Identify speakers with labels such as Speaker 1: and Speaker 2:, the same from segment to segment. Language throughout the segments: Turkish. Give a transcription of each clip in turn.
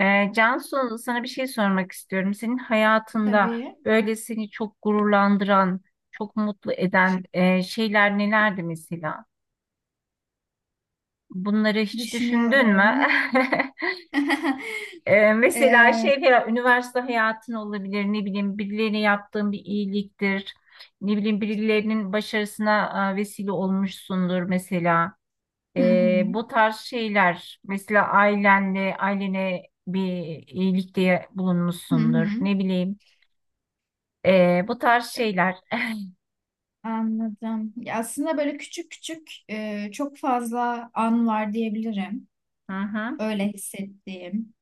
Speaker 1: Cansu, sana bir şey sormak istiyorum. Senin hayatında
Speaker 2: Tabii.
Speaker 1: böyle seni çok gururlandıran, çok mutlu eden şeyler nelerdi mesela? Bunları hiç düşündün mü?
Speaker 2: Düşünüyorum.
Speaker 1: Mesela
Speaker 2: Ee,
Speaker 1: şey falan, üniversite hayatın olabilir, ne bileyim birilerine yaptığın bir iyiliktir, ne bileyim birilerinin başarısına vesile olmuşsundur mesela.
Speaker 2: hı hı,
Speaker 1: Bu tarz şeyler, mesela ailene bir iyilikte
Speaker 2: hı hı.
Speaker 1: bulunmuşsundur, ne bileyim. Bu tarz şeyler.
Speaker 2: Anladım. Ya aslında böyle küçük küçük çok fazla an var diyebilirim.
Speaker 1: Hı hı,
Speaker 2: Öyle hissettiğim.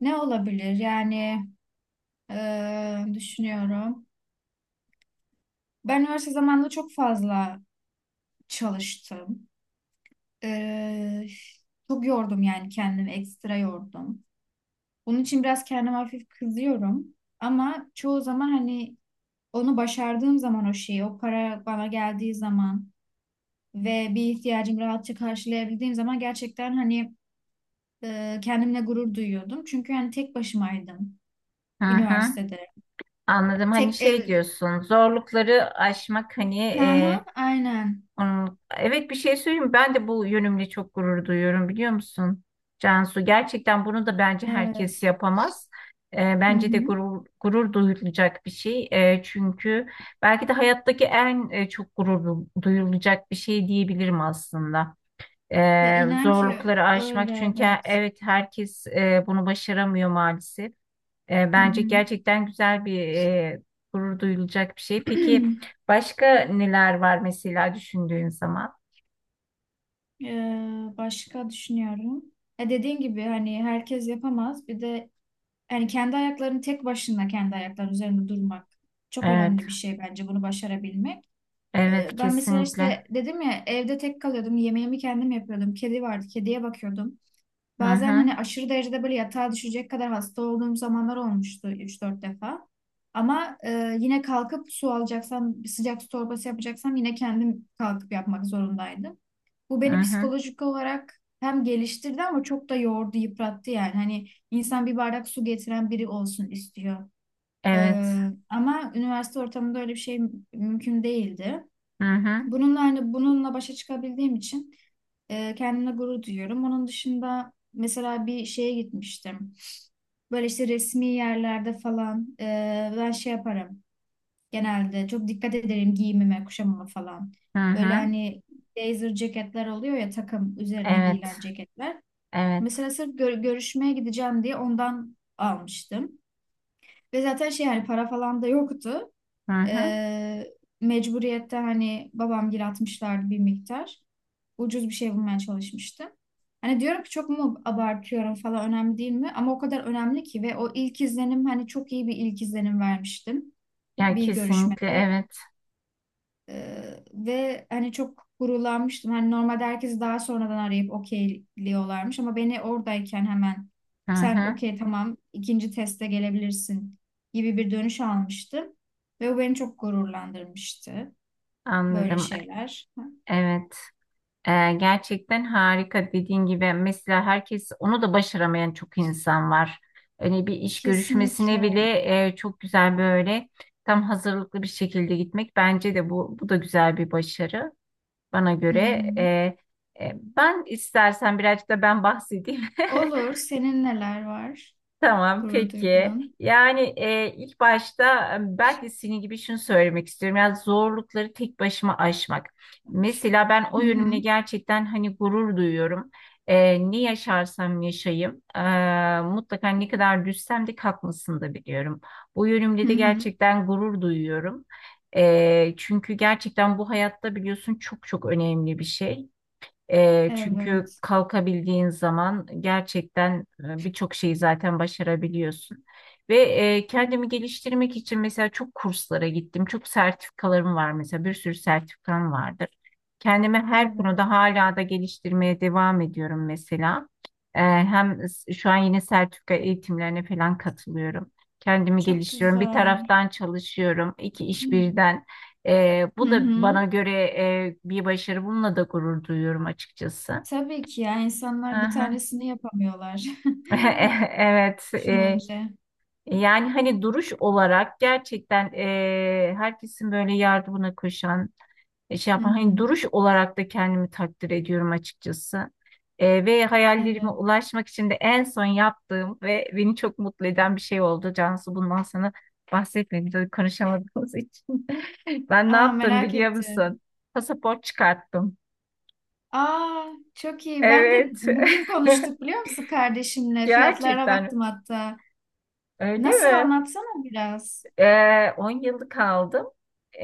Speaker 2: Ne olabilir? Yani düşünüyorum. Ben üniversite zamanında çok fazla çalıştım. E, Çok yordum yani kendimi. Ekstra yordum. Bunun için biraz kendime hafif kızıyorum. Ama çoğu zaman hani onu başardığım zaman o şeyi, o para bana geldiği zaman ve bir ihtiyacımı rahatça karşılayabildiğim zaman gerçekten hani kendimle gurur duyuyordum. Çünkü hani tek başımaydım
Speaker 1: hı hı.
Speaker 2: üniversitede.
Speaker 1: Anladım. Hani
Speaker 2: Tek
Speaker 1: şey
Speaker 2: ev...
Speaker 1: diyorsun, zorlukları aşmak hani
Speaker 2: Hı hı, aynen.
Speaker 1: evet bir şey söyleyeyim mi? Ben de bu yönümle çok gurur duyuyorum biliyor musun? Cansu gerçekten bunu da bence herkes
Speaker 2: Evet.
Speaker 1: yapamaz.
Speaker 2: Hı
Speaker 1: Bence de
Speaker 2: hı.
Speaker 1: gurur duyulacak bir şey. Çünkü belki de hayattaki en çok duyulacak bir şey diyebilirim aslında.
Speaker 2: Ya inan ki
Speaker 1: Zorlukları aşmak,
Speaker 2: öyle
Speaker 1: çünkü
Speaker 2: evet.
Speaker 1: evet herkes bunu başaramıyor maalesef.
Speaker 2: Hı
Speaker 1: Bence
Speaker 2: hı.
Speaker 1: gerçekten güzel bir, gurur duyulacak bir şey. Peki başka neler var mesela düşündüğün zaman?
Speaker 2: Başka düşünüyorum. E dediğin gibi hani herkes yapamaz. Bir de yani kendi ayaklarının üzerinde durmak çok
Speaker 1: Evet,
Speaker 2: önemli bir şey bence bunu başarabilmek.
Speaker 1: evet
Speaker 2: Ben mesela
Speaker 1: kesinlikle.
Speaker 2: işte dedim ya evde tek kalıyordum. Yemeğimi kendim yapıyordum. Kedi vardı. Kediye bakıyordum.
Speaker 1: Hı
Speaker 2: Bazen
Speaker 1: hı,
Speaker 2: hani aşırı derecede böyle yatağa düşecek kadar hasta olduğum zamanlar olmuştu üç dört defa. Ama yine kalkıp su alacaksam, bir sıcak su torbası yapacaksam yine kendim kalkıp yapmak zorundaydım. Bu
Speaker 1: hı
Speaker 2: beni
Speaker 1: hı,
Speaker 2: psikolojik olarak hem geliştirdi ama çok da yordu, yıprattı yani. Hani insan bir bardak su getiren biri olsun istiyor.
Speaker 1: evet,
Speaker 2: Ee, ama üniversite ortamında öyle bir şey mümkün değildi.
Speaker 1: hı hı,
Speaker 2: Bununla hani başa çıkabildiğim için kendimle gurur duyuyorum. Onun dışında mesela bir şeye gitmiştim. Böyle işte resmi yerlerde falan ben şey yaparım. Genelde çok dikkat ederim giyimime, kuşamama falan.
Speaker 1: hı
Speaker 2: Böyle
Speaker 1: hı,
Speaker 2: hani blazer ceketler oluyor ya takım üzerine
Speaker 1: evet,
Speaker 2: giyilen ceketler.
Speaker 1: evet,
Speaker 2: Mesela sırf görüşmeye gideceğim diye ondan almıştım. Ve zaten şey hani para falan da yoktu.
Speaker 1: hı hı.
Speaker 2: Ee, mecburiyette hani babam gir atmışlardı bir miktar. Ucuz bir şey bulmaya çalışmıştım. Hani diyorum ki çok mu abartıyorum falan önemli değil mi? Ama o kadar önemli ki ve o ilk izlenim hani çok iyi bir ilk izlenim vermiştim
Speaker 1: Ya
Speaker 2: bir
Speaker 1: kesinlikle
Speaker 2: görüşmede.
Speaker 1: evet,
Speaker 2: Ve hani çok gurulanmıştım. Hani normalde herkesi daha sonradan arayıp okeyliyorlarmış ama beni oradayken hemen
Speaker 1: hı
Speaker 2: sen
Speaker 1: hı,
Speaker 2: okey tamam ikinci teste gelebilirsin gibi bir dönüş almıştım. Ve o beni çok gururlandırmıştı. Böyle
Speaker 1: anladım,
Speaker 2: şeyler.
Speaker 1: evet. Gerçekten harika, dediğin gibi mesela herkes onu da başaramayan çok insan var. Hani bir iş görüşmesine
Speaker 2: Kesinlikle.
Speaker 1: bile çok güzel böyle tam hazırlıklı bir şekilde gitmek bence de bu da güzel bir başarı bana
Speaker 2: Hı
Speaker 1: göre.
Speaker 2: hı.
Speaker 1: Ben istersen birazcık da ben bahsedeyim.
Speaker 2: Olur. Senin neler var?
Speaker 1: Tamam
Speaker 2: Gurur
Speaker 1: peki.
Speaker 2: duyduğun.
Speaker 1: Yani ilk başta ben de senin gibi şunu söylemek istiyorum. Yani zorlukları tek başıma aşmak. Mesela ben o
Speaker 2: Hı
Speaker 1: yönümle
Speaker 2: hı.
Speaker 1: gerçekten hani gurur duyuyorum. Ne yaşarsam yaşayayım, mutlaka ne kadar düşsem de kalkmasını da biliyorum. Bu
Speaker 2: Hı
Speaker 1: yönümle de
Speaker 2: hı.
Speaker 1: gerçekten gurur duyuyorum. Çünkü gerçekten bu hayatta biliyorsun çok çok önemli bir şey. Çünkü
Speaker 2: Evet.
Speaker 1: kalkabildiğin zaman gerçekten birçok şeyi zaten başarabiliyorsun. Ve kendimi geliştirmek için mesela çok kurslara gittim. Çok sertifikalarım var, mesela bir sürü sertifikam vardır. Kendimi her konuda
Speaker 2: Evet.
Speaker 1: hala da geliştirmeye devam ediyorum mesela. Şu an yine sertifika eğitimlerine falan katılıyorum. Kendimi
Speaker 2: Çok
Speaker 1: geliştiriyorum. Bir
Speaker 2: güzel.
Speaker 1: taraftan çalışıyorum, iki iş birden.
Speaker 2: Hı
Speaker 1: Bu da
Speaker 2: hı.
Speaker 1: bana göre bir başarı. Bununla da gurur duyuyorum açıkçası.
Speaker 2: Tabii ki ya insanlar
Speaker 1: Hı
Speaker 2: bir
Speaker 1: hı.
Speaker 2: tanesini yapamıyorlar
Speaker 1: Evet.
Speaker 2: düşününce.
Speaker 1: Yani hani duruş olarak gerçekten herkesin böyle yardımına koşan, şey
Speaker 2: Hı
Speaker 1: yapan,
Speaker 2: hı.
Speaker 1: hani duruş olarak da kendimi takdir ediyorum açıkçası. Ve hayallerime
Speaker 2: Evet.
Speaker 1: ulaşmak için de en son yaptığım ve beni çok mutlu eden bir şey oldu. Cansu, bundan sana bahsetmedim tabii konuşamadığımız için. Ben ne
Speaker 2: Aa
Speaker 1: yaptım
Speaker 2: merak
Speaker 1: biliyor
Speaker 2: ettim.
Speaker 1: musun? Pasaport çıkarttım.
Speaker 2: Aa çok iyi. Ben de
Speaker 1: Evet.
Speaker 2: bugün konuştuk biliyor musun kardeşimle? Fiyatlara
Speaker 1: Gerçekten
Speaker 2: baktım hatta.
Speaker 1: öyle
Speaker 2: Nasıl
Speaker 1: mi?
Speaker 2: anlatsana biraz.
Speaker 1: 10 yıllık kaldım.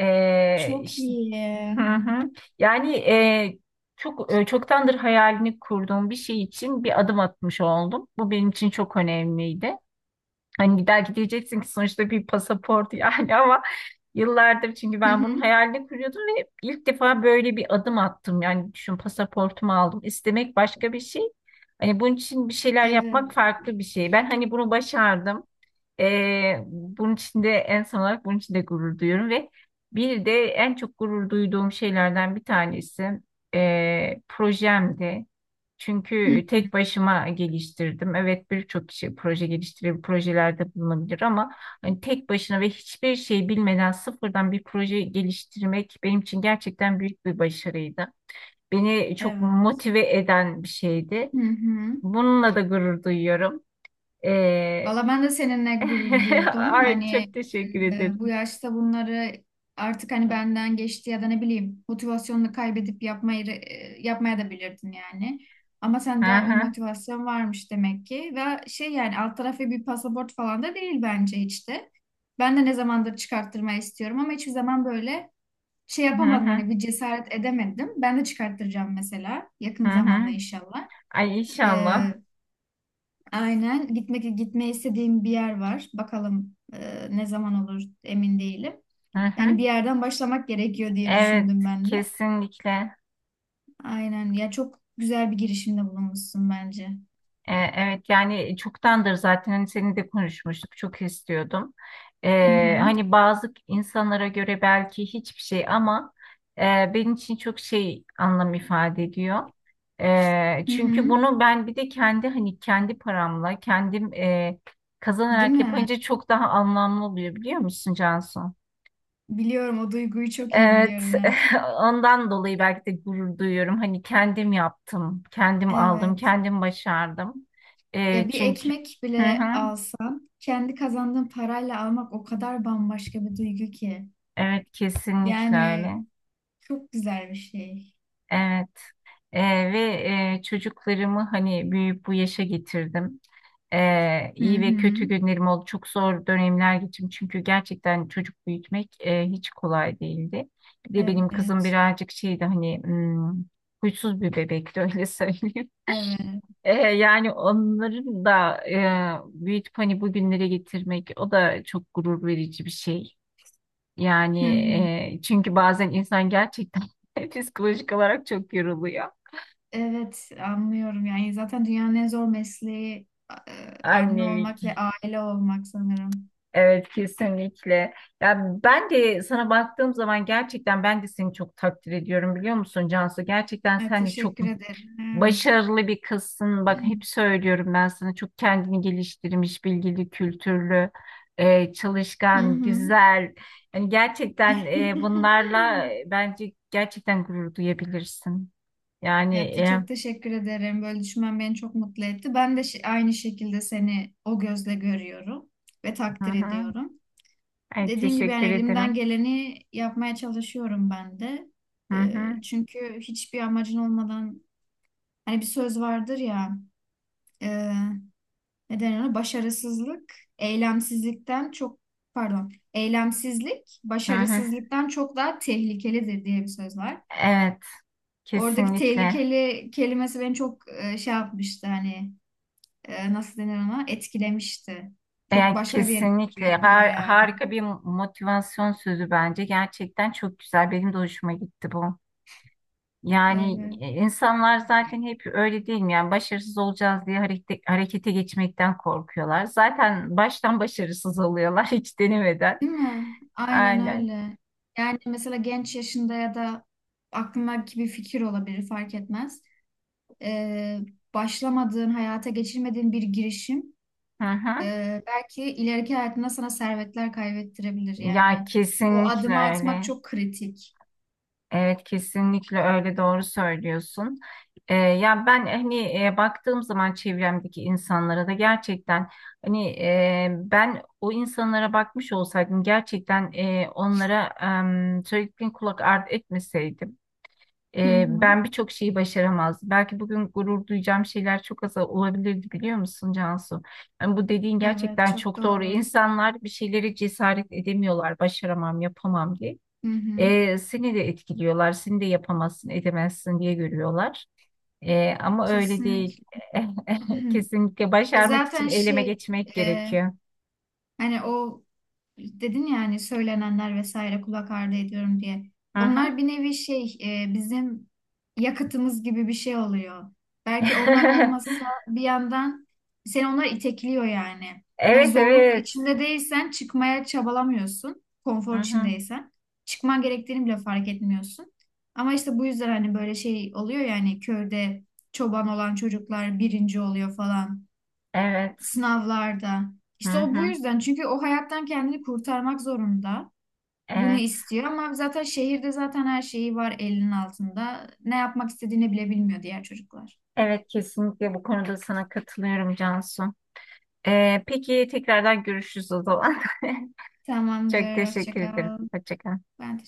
Speaker 1: Ee,
Speaker 2: Çok
Speaker 1: işte-
Speaker 2: iyi.
Speaker 1: Hı hı. Yani çoktandır hayalini kurduğum bir şey için bir adım atmış oldum. Bu benim için çok önemliydi. Hani belki diyeceksin ki sonuçta bir pasaport yani, ama yıllardır çünkü
Speaker 2: Hı
Speaker 1: ben bunun
Speaker 2: hı.
Speaker 1: hayalini kuruyordum ve ilk defa böyle bir adım attım. Yani düşün, pasaportumu aldım. İstemek başka bir şey. Hani bunun için bir şeyler
Speaker 2: Evet.
Speaker 1: yapmak farklı bir şey. Ben hani bunu başardım. Bunun için de en son olarak bunun için de gurur duyuyorum ve bir de en çok gurur duyduğum şeylerden bir tanesi projemdi.
Speaker 2: Hı
Speaker 1: Çünkü
Speaker 2: hı.
Speaker 1: tek başıma geliştirdim. Evet, birçok kişi proje geliştirebilir, projelerde bulunabilir, ama hani tek başına ve hiçbir şey bilmeden sıfırdan bir proje geliştirmek benim için gerçekten büyük bir başarıydı. Beni çok
Speaker 2: Evet.
Speaker 1: motive eden bir şeydi.
Speaker 2: Hı hı.
Speaker 1: Bununla da gurur duyuyorum.
Speaker 2: Valla ben de seninle gurur duydum.
Speaker 1: Ay, çok
Speaker 2: Hani
Speaker 1: teşekkür
Speaker 2: e, bu
Speaker 1: ederim.
Speaker 2: yaşta bunları artık hani benden geçti ya da ne bileyim motivasyonunu kaybedip yapmaya da bilirdin yani. Ama
Speaker 1: Hı
Speaker 2: sende o
Speaker 1: hı,
Speaker 2: motivasyon varmış demek ki. Ve şey yani alt tarafı bir pasaport falan da değil bence hiç de. Ben de ne zamandır çıkarttırmayı istiyorum ama hiçbir zaman böyle şey
Speaker 1: hı
Speaker 2: yapamadım
Speaker 1: hı,
Speaker 2: hani bir cesaret edemedim. Ben de çıkarttıracağım mesela
Speaker 1: hı
Speaker 2: yakın
Speaker 1: hı.
Speaker 2: zamanda inşallah.
Speaker 1: Ay
Speaker 2: E,
Speaker 1: inşallah.
Speaker 2: Aynen. Gitmeyi istediğim bir yer var. Bakalım ne zaman olur emin değilim.
Speaker 1: Hı
Speaker 2: Yani
Speaker 1: hı.
Speaker 2: bir yerden başlamak gerekiyor diye
Speaker 1: Evet,
Speaker 2: düşündüm ben de.
Speaker 1: kesinlikle.
Speaker 2: Aynen. Ya çok güzel bir girişimde bulunmuşsun bence.
Speaker 1: Evet yani çoktandır zaten hani seninle de konuşmuştuk, çok istiyordum.
Speaker 2: Hı hı.
Speaker 1: Hani bazı insanlara göre belki hiçbir şey, ama e, benim için çok şey anlam ifade ediyor.
Speaker 2: Hı
Speaker 1: Çünkü
Speaker 2: hı.
Speaker 1: bunu ben bir de kendi hani kendi paramla kendim,
Speaker 2: Değil
Speaker 1: kazanarak
Speaker 2: mi?
Speaker 1: yapınca çok daha anlamlı oluyor biliyor musun Cansu?
Speaker 2: Biliyorum o duyguyu çok iyi
Speaker 1: Evet,
Speaker 2: biliyorum hem.
Speaker 1: ondan dolayı belki de gurur duyuyorum. Hani kendim yaptım, kendim aldım,
Speaker 2: Evet.
Speaker 1: kendim başardım.
Speaker 2: Ya bir
Speaker 1: Çünkü
Speaker 2: ekmek
Speaker 1: hı
Speaker 2: bile
Speaker 1: hı,
Speaker 2: alsam kendi kazandığım parayla almak o kadar bambaşka bir duygu ki.
Speaker 1: evet kesinlikle öyle.
Speaker 2: Yani çok güzel bir şey.
Speaker 1: Evet. Ee, ve çocuklarımı hani büyüyüp bu yaşa getirdim.
Speaker 2: Hı
Speaker 1: İyi ve
Speaker 2: hı.
Speaker 1: kötü günlerim oldu. Çok zor dönemler geçirdim. Çünkü gerçekten çocuk büyütmek hiç kolay değildi. Bir de benim kızım
Speaker 2: Evet.
Speaker 1: birazcık şeydi, hani huysuz bir bebekti, öyle söyleyeyim.
Speaker 2: Evet.
Speaker 1: Yani onların da büyütüp hani bugünlere getirmek, o da çok gurur verici bir şey.
Speaker 2: Hı
Speaker 1: Yani
Speaker 2: hı.
Speaker 1: e, çünkü bazen insan gerçekten psikolojik olarak çok yoruluyor.
Speaker 2: Evet anlıyorum yani zaten dünyanın en zor mesleği anne olmak ve
Speaker 1: Annelik.
Speaker 2: aile olmak sanırım.
Speaker 1: Evet kesinlikle. Ya ben de sana baktığım zaman gerçekten ben de seni çok takdir ediyorum biliyor musun Cansu? Gerçekten
Speaker 2: Evet,
Speaker 1: sen de çok
Speaker 2: teşekkür ederim.
Speaker 1: başarılı bir kızsın. Bak hep söylüyorum ben sana, çok kendini geliştirmiş, bilgili, kültürlü,
Speaker 2: Hı
Speaker 1: çalışkan,
Speaker 2: hı.
Speaker 1: güzel. Yani gerçekten bunlarla bence gerçekten gurur duyabilirsin. Yani
Speaker 2: Evet,
Speaker 1: e,
Speaker 2: çok teşekkür ederim. Böyle düşünmen beni çok mutlu etti. Ben de aynı şekilde seni o gözle görüyorum ve
Speaker 1: hı
Speaker 2: takdir
Speaker 1: hı.
Speaker 2: ediyorum.
Speaker 1: Ay,
Speaker 2: Dediğin gibi yani
Speaker 1: teşekkür
Speaker 2: elimden
Speaker 1: ederim.
Speaker 2: geleni yapmaya çalışıyorum ben de.
Speaker 1: Hı
Speaker 2: E,
Speaker 1: hı,
Speaker 2: çünkü hiçbir amacın olmadan hani bir söz vardır ya. e, ne denir ona? Başarısızlık, eylemsizlikten çok pardon, eylemsizlik
Speaker 1: hı hı.
Speaker 2: başarısızlıktan çok daha tehlikelidir diye bir söz var.
Speaker 1: Evet,
Speaker 2: Oradaki
Speaker 1: kesinlikle.
Speaker 2: tehlikeli kelimesi beni çok şey yapmıştı hani nasıl denir ona? Etkilemişti. Çok
Speaker 1: Yani
Speaker 2: başka bir yere vurgu
Speaker 1: kesinlikle
Speaker 2: yapıyor yani.
Speaker 1: harika bir motivasyon sözü bence. Gerçekten çok güzel. Benim de hoşuma gitti bu.
Speaker 2: Evet.
Speaker 1: İnsanlar zaten hep öyle değil mi? Yani başarısız olacağız diye harekete geçmekten korkuyorlar. Zaten baştan başarısız oluyorlar hiç denemeden.
Speaker 2: Değil mi? Aynen
Speaker 1: Aynen.
Speaker 2: öyle. Yani mesela genç yaşında ya da aklındaki bir fikir olabilir fark etmez. Ee, başlamadığın, hayata geçirmediğin bir girişim.
Speaker 1: Hı hı.
Speaker 2: Belki ileriki hayatında sana servetler kaybettirebilir
Speaker 1: Ya
Speaker 2: yani. O
Speaker 1: kesinlikle
Speaker 2: adımı atmak
Speaker 1: öyle.
Speaker 2: çok kritik.
Speaker 1: Evet kesinlikle öyle, doğru söylüyorsun. Ya ben hani baktığım zaman çevremdeki insanlara da gerçekten hani ben o insanlara bakmış olsaydım, gerçekten onlara söylediklerine kulak ardı etmeseydim,
Speaker 2: Hı hı.
Speaker 1: ben birçok şeyi başaramazdım. Belki bugün gurur duyacağım şeyler çok az olabilirdi biliyor musun Cansu? Yani bu dediğin
Speaker 2: Evet,
Speaker 1: gerçekten
Speaker 2: çok
Speaker 1: çok doğru.
Speaker 2: doğru.
Speaker 1: İnsanlar bir şeyleri cesaret edemiyorlar, başaramam, yapamam diye.
Speaker 2: Hı hı.
Speaker 1: Seni de etkiliyorlar, seni de yapamazsın, edemezsin diye görüyorlar. Ama öyle değil.
Speaker 2: Kesinlikle.
Speaker 1: Kesinlikle
Speaker 2: E
Speaker 1: başarmak için
Speaker 2: zaten
Speaker 1: eyleme
Speaker 2: şey,
Speaker 1: geçmek
Speaker 2: e,
Speaker 1: gerekiyor.
Speaker 2: hani o dedin ya hani söylenenler vesaire kulak ardı ediyorum diye.
Speaker 1: Hı
Speaker 2: Onlar
Speaker 1: hı.
Speaker 2: bir nevi bizim yakıtımız gibi bir şey oluyor. Belki onlar olmasa bir yandan seni onlar itekliyor yani. Hani
Speaker 1: Evet,
Speaker 2: zorluk
Speaker 1: evet.
Speaker 2: içinde değilsen çıkmaya çabalamıyorsun.
Speaker 1: Hı
Speaker 2: Konfor
Speaker 1: hı.
Speaker 2: içindeysen. Çıkman gerektiğini bile fark etmiyorsun. Ama işte bu yüzden hani böyle şey oluyor yani köyde çoban olan çocuklar birinci oluyor falan
Speaker 1: Evet.
Speaker 2: sınavlarda.
Speaker 1: Hı
Speaker 2: İşte o bu
Speaker 1: hı.
Speaker 2: yüzden çünkü o hayattan kendini kurtarmak zorunda. Bunu
Speaker 1: Evet.
Speaker 2: istiyor ama zaten şehirde zaten her şeyi var elinin altında. Ne yapmak istediğini bile bilmiyor diğer çocuklar.
Speaker 1: Evet, kesinlikle bu konuda sana katılıyorum Cansu. Peki tekrardan görüşürüz o zaman. Çok
Speaker 2: Tamamdır. Hoşça
Speaker 1: teşekkür ederim.
Speaker 2: kal.
Speaker 1: Hoşça kal.
Speaker 2: Ben teşekkür